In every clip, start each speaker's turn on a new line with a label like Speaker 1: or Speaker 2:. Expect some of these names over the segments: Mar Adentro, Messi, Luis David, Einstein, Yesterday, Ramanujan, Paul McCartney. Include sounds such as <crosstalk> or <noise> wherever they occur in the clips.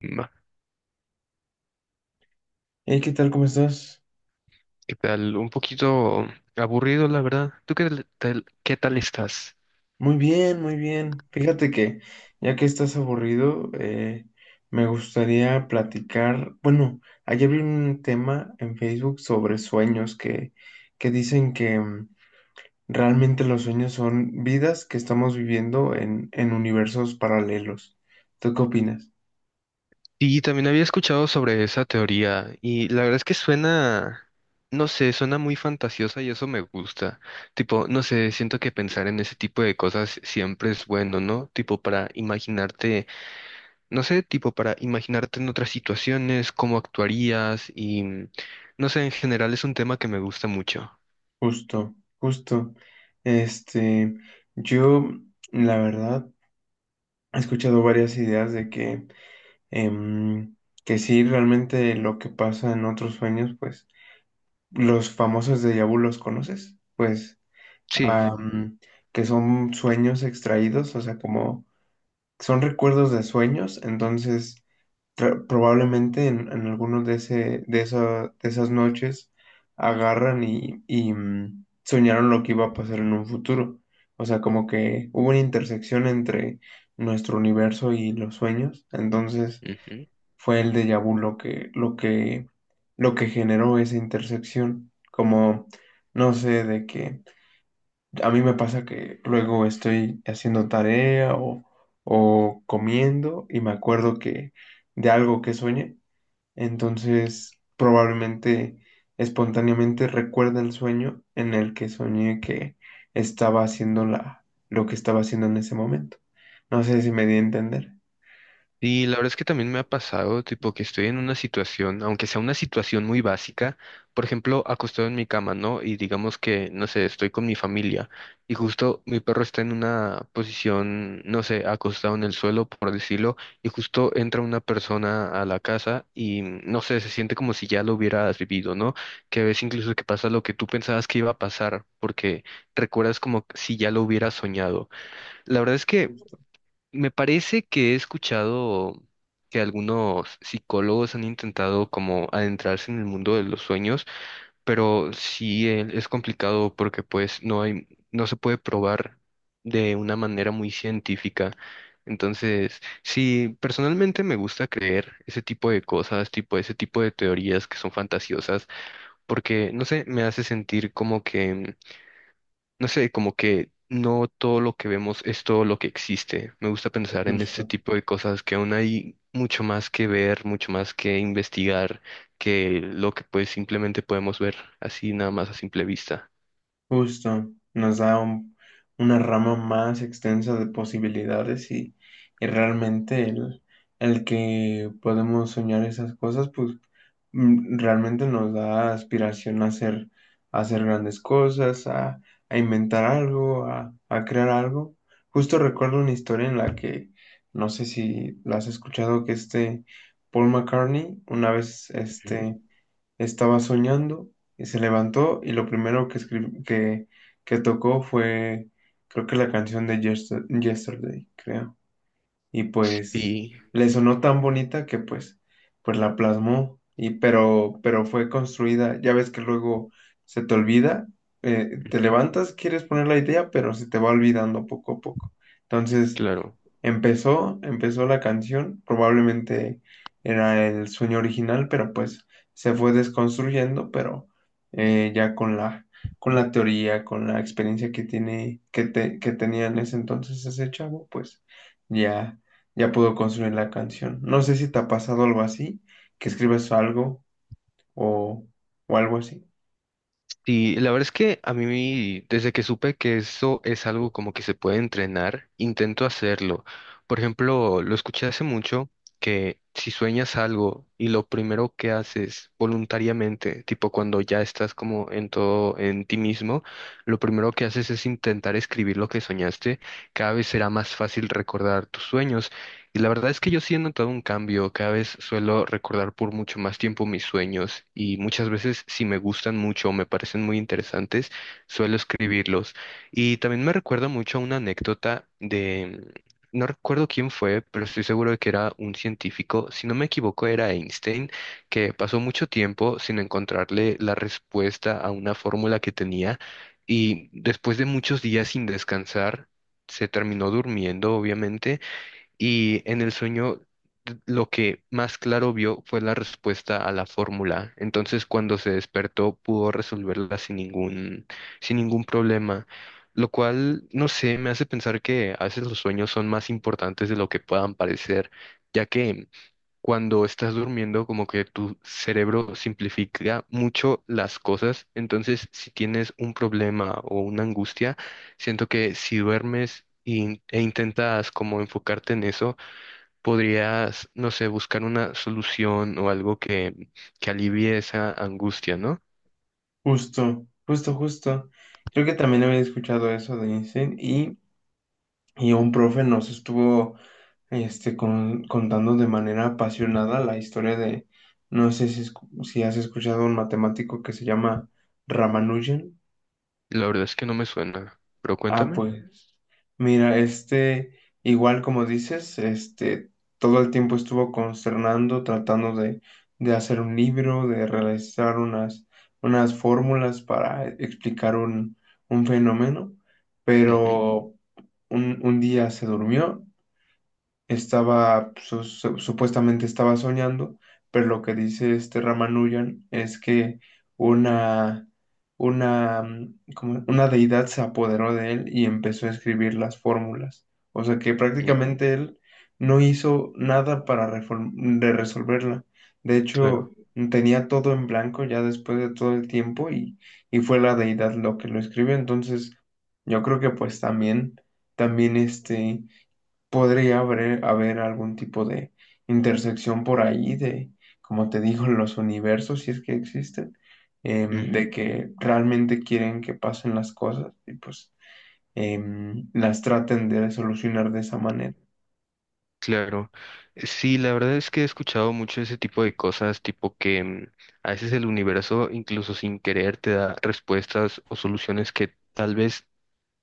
Speaker 1: Va,
Speaker 2: Hey, ¿qué tal? ¿Cómo estás?
Speaker 1: ¿qué tal? Un poquito aburrido, la verdad. ¿Tú qué tal estás?
Speaker 2: Muy bien, muy bien. Fíjate que ya que estás aburrido, me gustaría platicar. Bueno, ayer vi un tema en Facebook sobre sueños que dicen que realmente los sueños son vidas que estamos viviendo en universos paralelos. ¿Tú qué opinas?
Speaker 1: Sí, también había escuchado sobre esa teoría y la verdad es que suena, no sé, suena muy fantasiosa y eso me gusta. Tipo, no sé, siento que pensar en ese tipo de cosas siempre es bueno, ¿no? Tipo para imaginarte, no sé, tipo para imaginarte en otras situaciones, cómo actuarías y, no sé, en general es un tema que me gusta mucho.
Speaker 2: Justo, justo. Este, yo, la verdad, he escuchado varias ideas de que em, que sí, realmente lo que pasa en otros sueños, pues los famosos de vu los conoces, pues
Speaker 1: Sí.
Speaker 2: am, que son sueños extraídos, o sea, como son recuerdos de sueños, entonces probablemente en alguno de esas noches agarran y soñaron lo que iba a pasar en un futuro. O sea, como que hubo una intersección entre nuestro universo y los sueños. Entonces,
Speaker 1: Ujú.
Speaker 2: fue el déjà vu lo que generó esa intersección. Como, no sé, de que a mí me pasa que luego estoy haciendo tarea o comiendo y me acuerdo que de algo que soñé, entonces probablemente espontáneamente recuerda el sueño en el que soñé que estaba haciendo lo que estaba haciendo en ese momento. No sé si me di a entender.
Speaker 1: Y la verdad es que también me ha pasado, tipo, que estoy en una situación, aunque sea una situación muy básica, por ejemplo, acostado en mi cama, ¿no? Y digamos que, no sé, estoy con mi familia y justo mi perro está en una posición, no sé, acostado en el suelo, por decirlo, y justo entra una persona a la casa y, no sé, se siente como si ya lo hubieras vivido, ¿no? Que ves incluso que pasa lo que tú pensabas que iba a pasar, porque recuerdas como si ya lo hubieras soñado. La verdad es que...
Speaker 2: Justo.
Speaker 1: Me parece que he escuchado que algunos psicólogos han intentado como adentrarse en el mundo de los sueños, pero sí es complicado porque pues no hay, no se puede probar de una manera muy científica. Entonces, sí, personalmente me gusta creer ese tipo de cosas, tipo ese tipo de teorías que son fantasiosas, porque no sé, me hace sentir como que no sé, como que no todo lo que vemos es todo lo que existe. Me gusta pensar en este
Speaker 2: Justo.
Speaker 1: tipo de cosas que aún hay mucho más que ver, mucho más que investigar, que lo que pues simplemente podemos ver así nada más a simple vista.
Speaker 2: Justo, una rama más extensa de posibilidades y realmente el que podemos soñar esas cosas, pues realmente nos da aspiración a hacer grandes cosas, a inventar algo, a crear algo. Justo recuerdo una historia en la que, no sé si la has escuchado, que Paul McCartney una vez,
Speaker 1: Ujú.
Speaker 2: estaba soñando y se levantó y lo primero que tocó fue, creo que la canción de Yesterday, creo. Y pues
Speaker 1: Sí,
Speaker 2: le sonó tan bonita que pues, pues la plasmó, y, pero fue construida. Ya ves que luego se te olvida, te
Speaker 1: ujú,
Speaker 2: levantas, quieres poner la idea, pero se te va olvidando poco a poco. Entonces...
Speaker 1: claro.
Speaker 2: Empezó la canción, probablemente era el sueño original, pero pues se fue desconstruyendo, pero ya con la teoría, con la experiencia que tiene, que tenía en ese entonces ese chavo, pues ya, ya pudo construir la canción. No sé si te ha pasado algo así, que escribes algo o, o algo así.
Speaker 1: Sí, la verdad es que a mí, desde que supe que eso es algo como que se puede entrenar, intento hacerlo. Por ejemplo, lo escuché hace mucho que si sueñas algo y lo primero que haces voluntariamente, tipo cuando ya estás como en todo, en ti mismo, lo primero que haces es intentar escribir lo que soñaste, cada vez será más fácil recordar tus sueños. Y la verdad es que yo sí he notado un cambio. Cada vez suelo recordar por mucho más tiempo mis sueños y muchas veces si me gustan mucho o me parecen muy interesantes, suelo escribirlos. Y también me recuerda mucho a una anécdota de, no recuerdo quién fue, pero estoy seguro de que era un científico. Si no me equivoco, era Einstein, que pasó mucho tiempo sin encontrarle la respuesta a una fórmula que tenía y después de muchos días sin descansar, se terminó durmiendo, obviamente y en el sueño lo que más claro vio fue la respuesta a la fórmula. Entonces, cuando se despertó, pudo resolverla sin ningún, sin ningún problema. Lo cual, no sé, me hace pensar que a veces los sueños son más importantes de lo que puedan parecer, ya que cuando estás durmiendo, como que tu cerebro simplifica mucho las cosas. Entonces, si tienes un problema o una angustia, siento que si duermes e intentas como enfocarte en eso, podrías, no sé, buscar una solución o algo que alivie esa angustia, ¿no?
Speaker 2: Justo, justo, justo. Creo que también había escuchado eso de Einstein y un profe nos estuvo contando de manera apasionada la historia de, no sé si has escuchado un matemático que se llama Ramanujan.
Speaker 1: La verdad es que no me suena, pero
Speaker 2: Ah,
Speaker 1: cuéntame.
Speaker 2: pues mira, igual como dices, todo el tiempo estuvo consternando, tratando de hacer un libro, de realizar unas fórmulas para explicar un fenómeno,
Speaker 1: Ujú,
Speaker 2: pero un día se durmió, estaba, supuestamente estaba soñando, pero lo que dice este Ramanujan es que una, como una deidad se apoderó de él y empezó a escribir las fórmulas. O sea que
Speaker 1: mm,
Speaker 2: prácticamente él no hizo nada para de resolverla. De hecho,
Speaker 1: claro.
Speaker 2: tenía todo en blanco ya después de todo el tiempo y fue la deidad lo que lo escribió. Entonces, yo creo que pues también podría haber algún tipo de intersección por ahí de, como te digo, los universos, si es que existen, de que realmente quieren que pasen las cosas y pues las traten de solucionar de esa manera.
Speaker 1: Claro, sí, la verdad es que he escuchado mucho ese tipo de cosas, tipo que mm, a veces el universo, incluso sin querer, te da respuestas o soluciones que tal vez,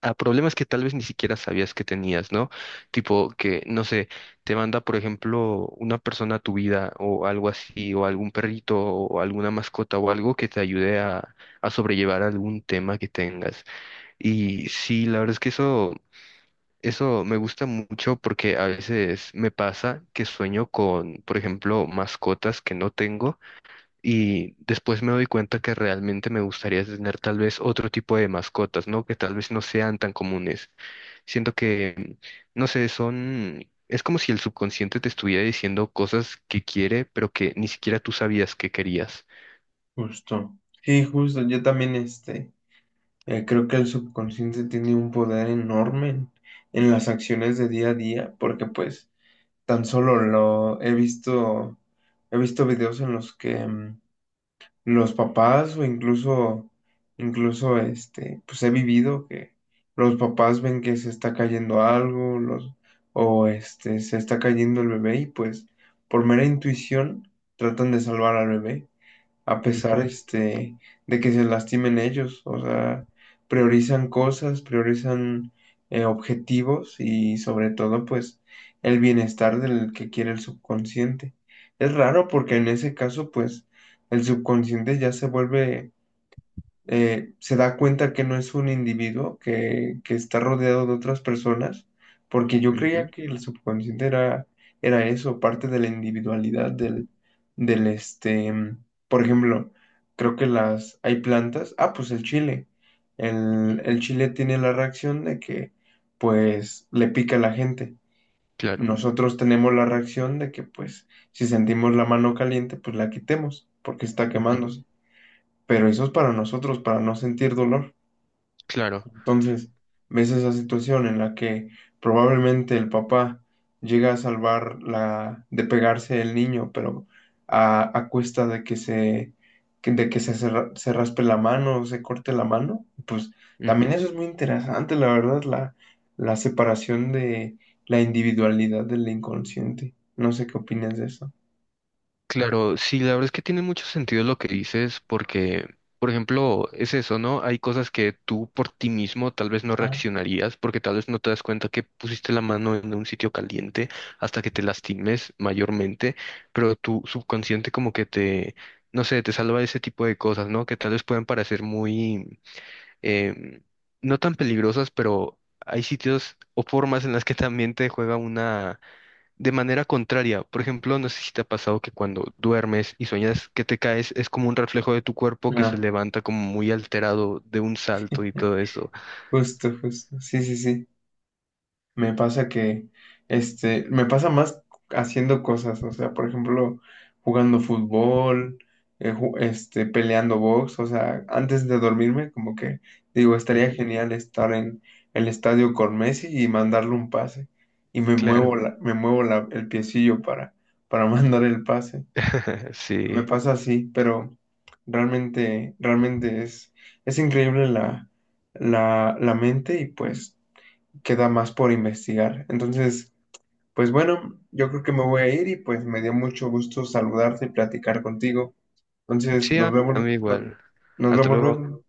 Speaker 1: a problemas que tal vez ni siquiera sabías que tenías, ¿no? Tipo que, no sé, te manda, por ejemplo, una persona a tu vida o algo así, o algún perrito o alguna mascota o algo que te ayude a sobrellevar algún tema que tengas. Y sí, la verdad es que eso... Eso me gusta mucho porque a veces me pasa que sueño con, por ejemplo, mascotas que no tengo y después me doy cuenta que realmente me gustaría tener tal vez otro tipo de mascotas, ¿no? Que tal vez no sean tan comunes. Siento que, no sé, son... Es como si el subconsciente te estuviera diciendo cosas que quiere, pero que ni siquiera tú sabías que querías.
Speaker 2: Justo. Sí, justo. Yo también creo que el subconsciente tiene un poder enorme en las acciones de día a día, porque pues tan solo lo he visto videos en los que... los papás o incluso, incluso pues he vivido que los papás ven que se está cayendo algo, se está cayendo el bebé y pues por mera intuición tratan de salvar al bebé a pesar
Speaker 1: Ujú,
Speaker 2: de que se lastimen ellos. O sea, priorizan cosas, priorizan objetivos y sobre todo pues el bienestar del que quiere el subconsciente. Es raro porque en ese caso pues el subconsciente ya se vuelve se da cuenta que no es un individuo, que está rodeado de otras personas, porque yo creía
Speaker 1: ujú,
Speaker 2: que el subconsciente era, era eso, parte de la individualidad del por ejemplo, creo que hay plantas, ah, pues el chile,
Speaker 1: ujú,
Speaker 2: el chile tiene la reacción de que, pues, le pica a la gente.
Speaker 1: claro,
Speaker 2: Nosotros tenemos la reacción de que, pues, si sentimos la mano caliente, pues la quitemos, porque está
Speaker 1: ujú,
Speaker 2: quemándose, pero eso es para nosotros, para no sentir dolor.
Speaker 1: claro.
Speaker 2: Entonces, ves esa situación en la que probablemente el papá llega a salvar la, de pegarse el niño, pero a cuesta de que se, que- de que se, ra- se raspe la mano o se corte la mano. Pues también eso es muy interesante, la verdad, la separación de la individualidad del inconsciente. No sé qué opinas de eso.
Speaker 1: Claro, sí, la verdad es que tiene mucho sentido lo que dices porque, por ejemplo, es eso, ¿no? Hay cosas que tú por ti mismo tal vez no
Speaker 2: Ah,
Speaker 1: reaccionarías porque tal vez no te das cuenta que pusiste la mano en un sitio caliente hasta que te lastimes mayormente, pero tu subconsciente como que te, no sé, te salva de ese tipo de cosas, ¿no? Que tal vez pueden parecer muy, em, no tan peligrosas, pero hay sitios o formas en las que también te juega de manera contraria. Por ejemplo, no sé si te ha pasado que cuando duermes y sueñas que te caes, es como un reflejo de tu cuerpo que se
Speaker 2: Ah,
Speaker 1: levanta como muy alterado de un salto y todo eso.
Speaker 2: justo, justo. Sí, sí, sí. Me pasa que, me pasa más haciendo cosas, o sea, por ejemplo, jugando fútbol, peleando box, o sea, antes de dormirme, como que digo, estaría
Speaker 1: Ujú,
Speaker 2: genial estar en el estadio con Messi y mandarle un pase, y
Speaker 1: claro,
Speaker 2: me muevo el piecillo para <laughs> mandar el pase.
Speaker 1: <laughs>
Speaker 2: Me
Speaker 1: sí.
Speaker 2: pasa así, pero realmente es increíble la mente y pues queda más por investigar. Entonces, pues bueno, yo creo que me voy a ir y pues me dio mucho gusto saludarte y platicar contigo. Entonces,
Speaker 1: Sí, a mí igual.
Speaker 2: nos
Speaker 1: Hasta
Speaker 2: vemos
Speaker 1: luego.
Speaker 2: luego.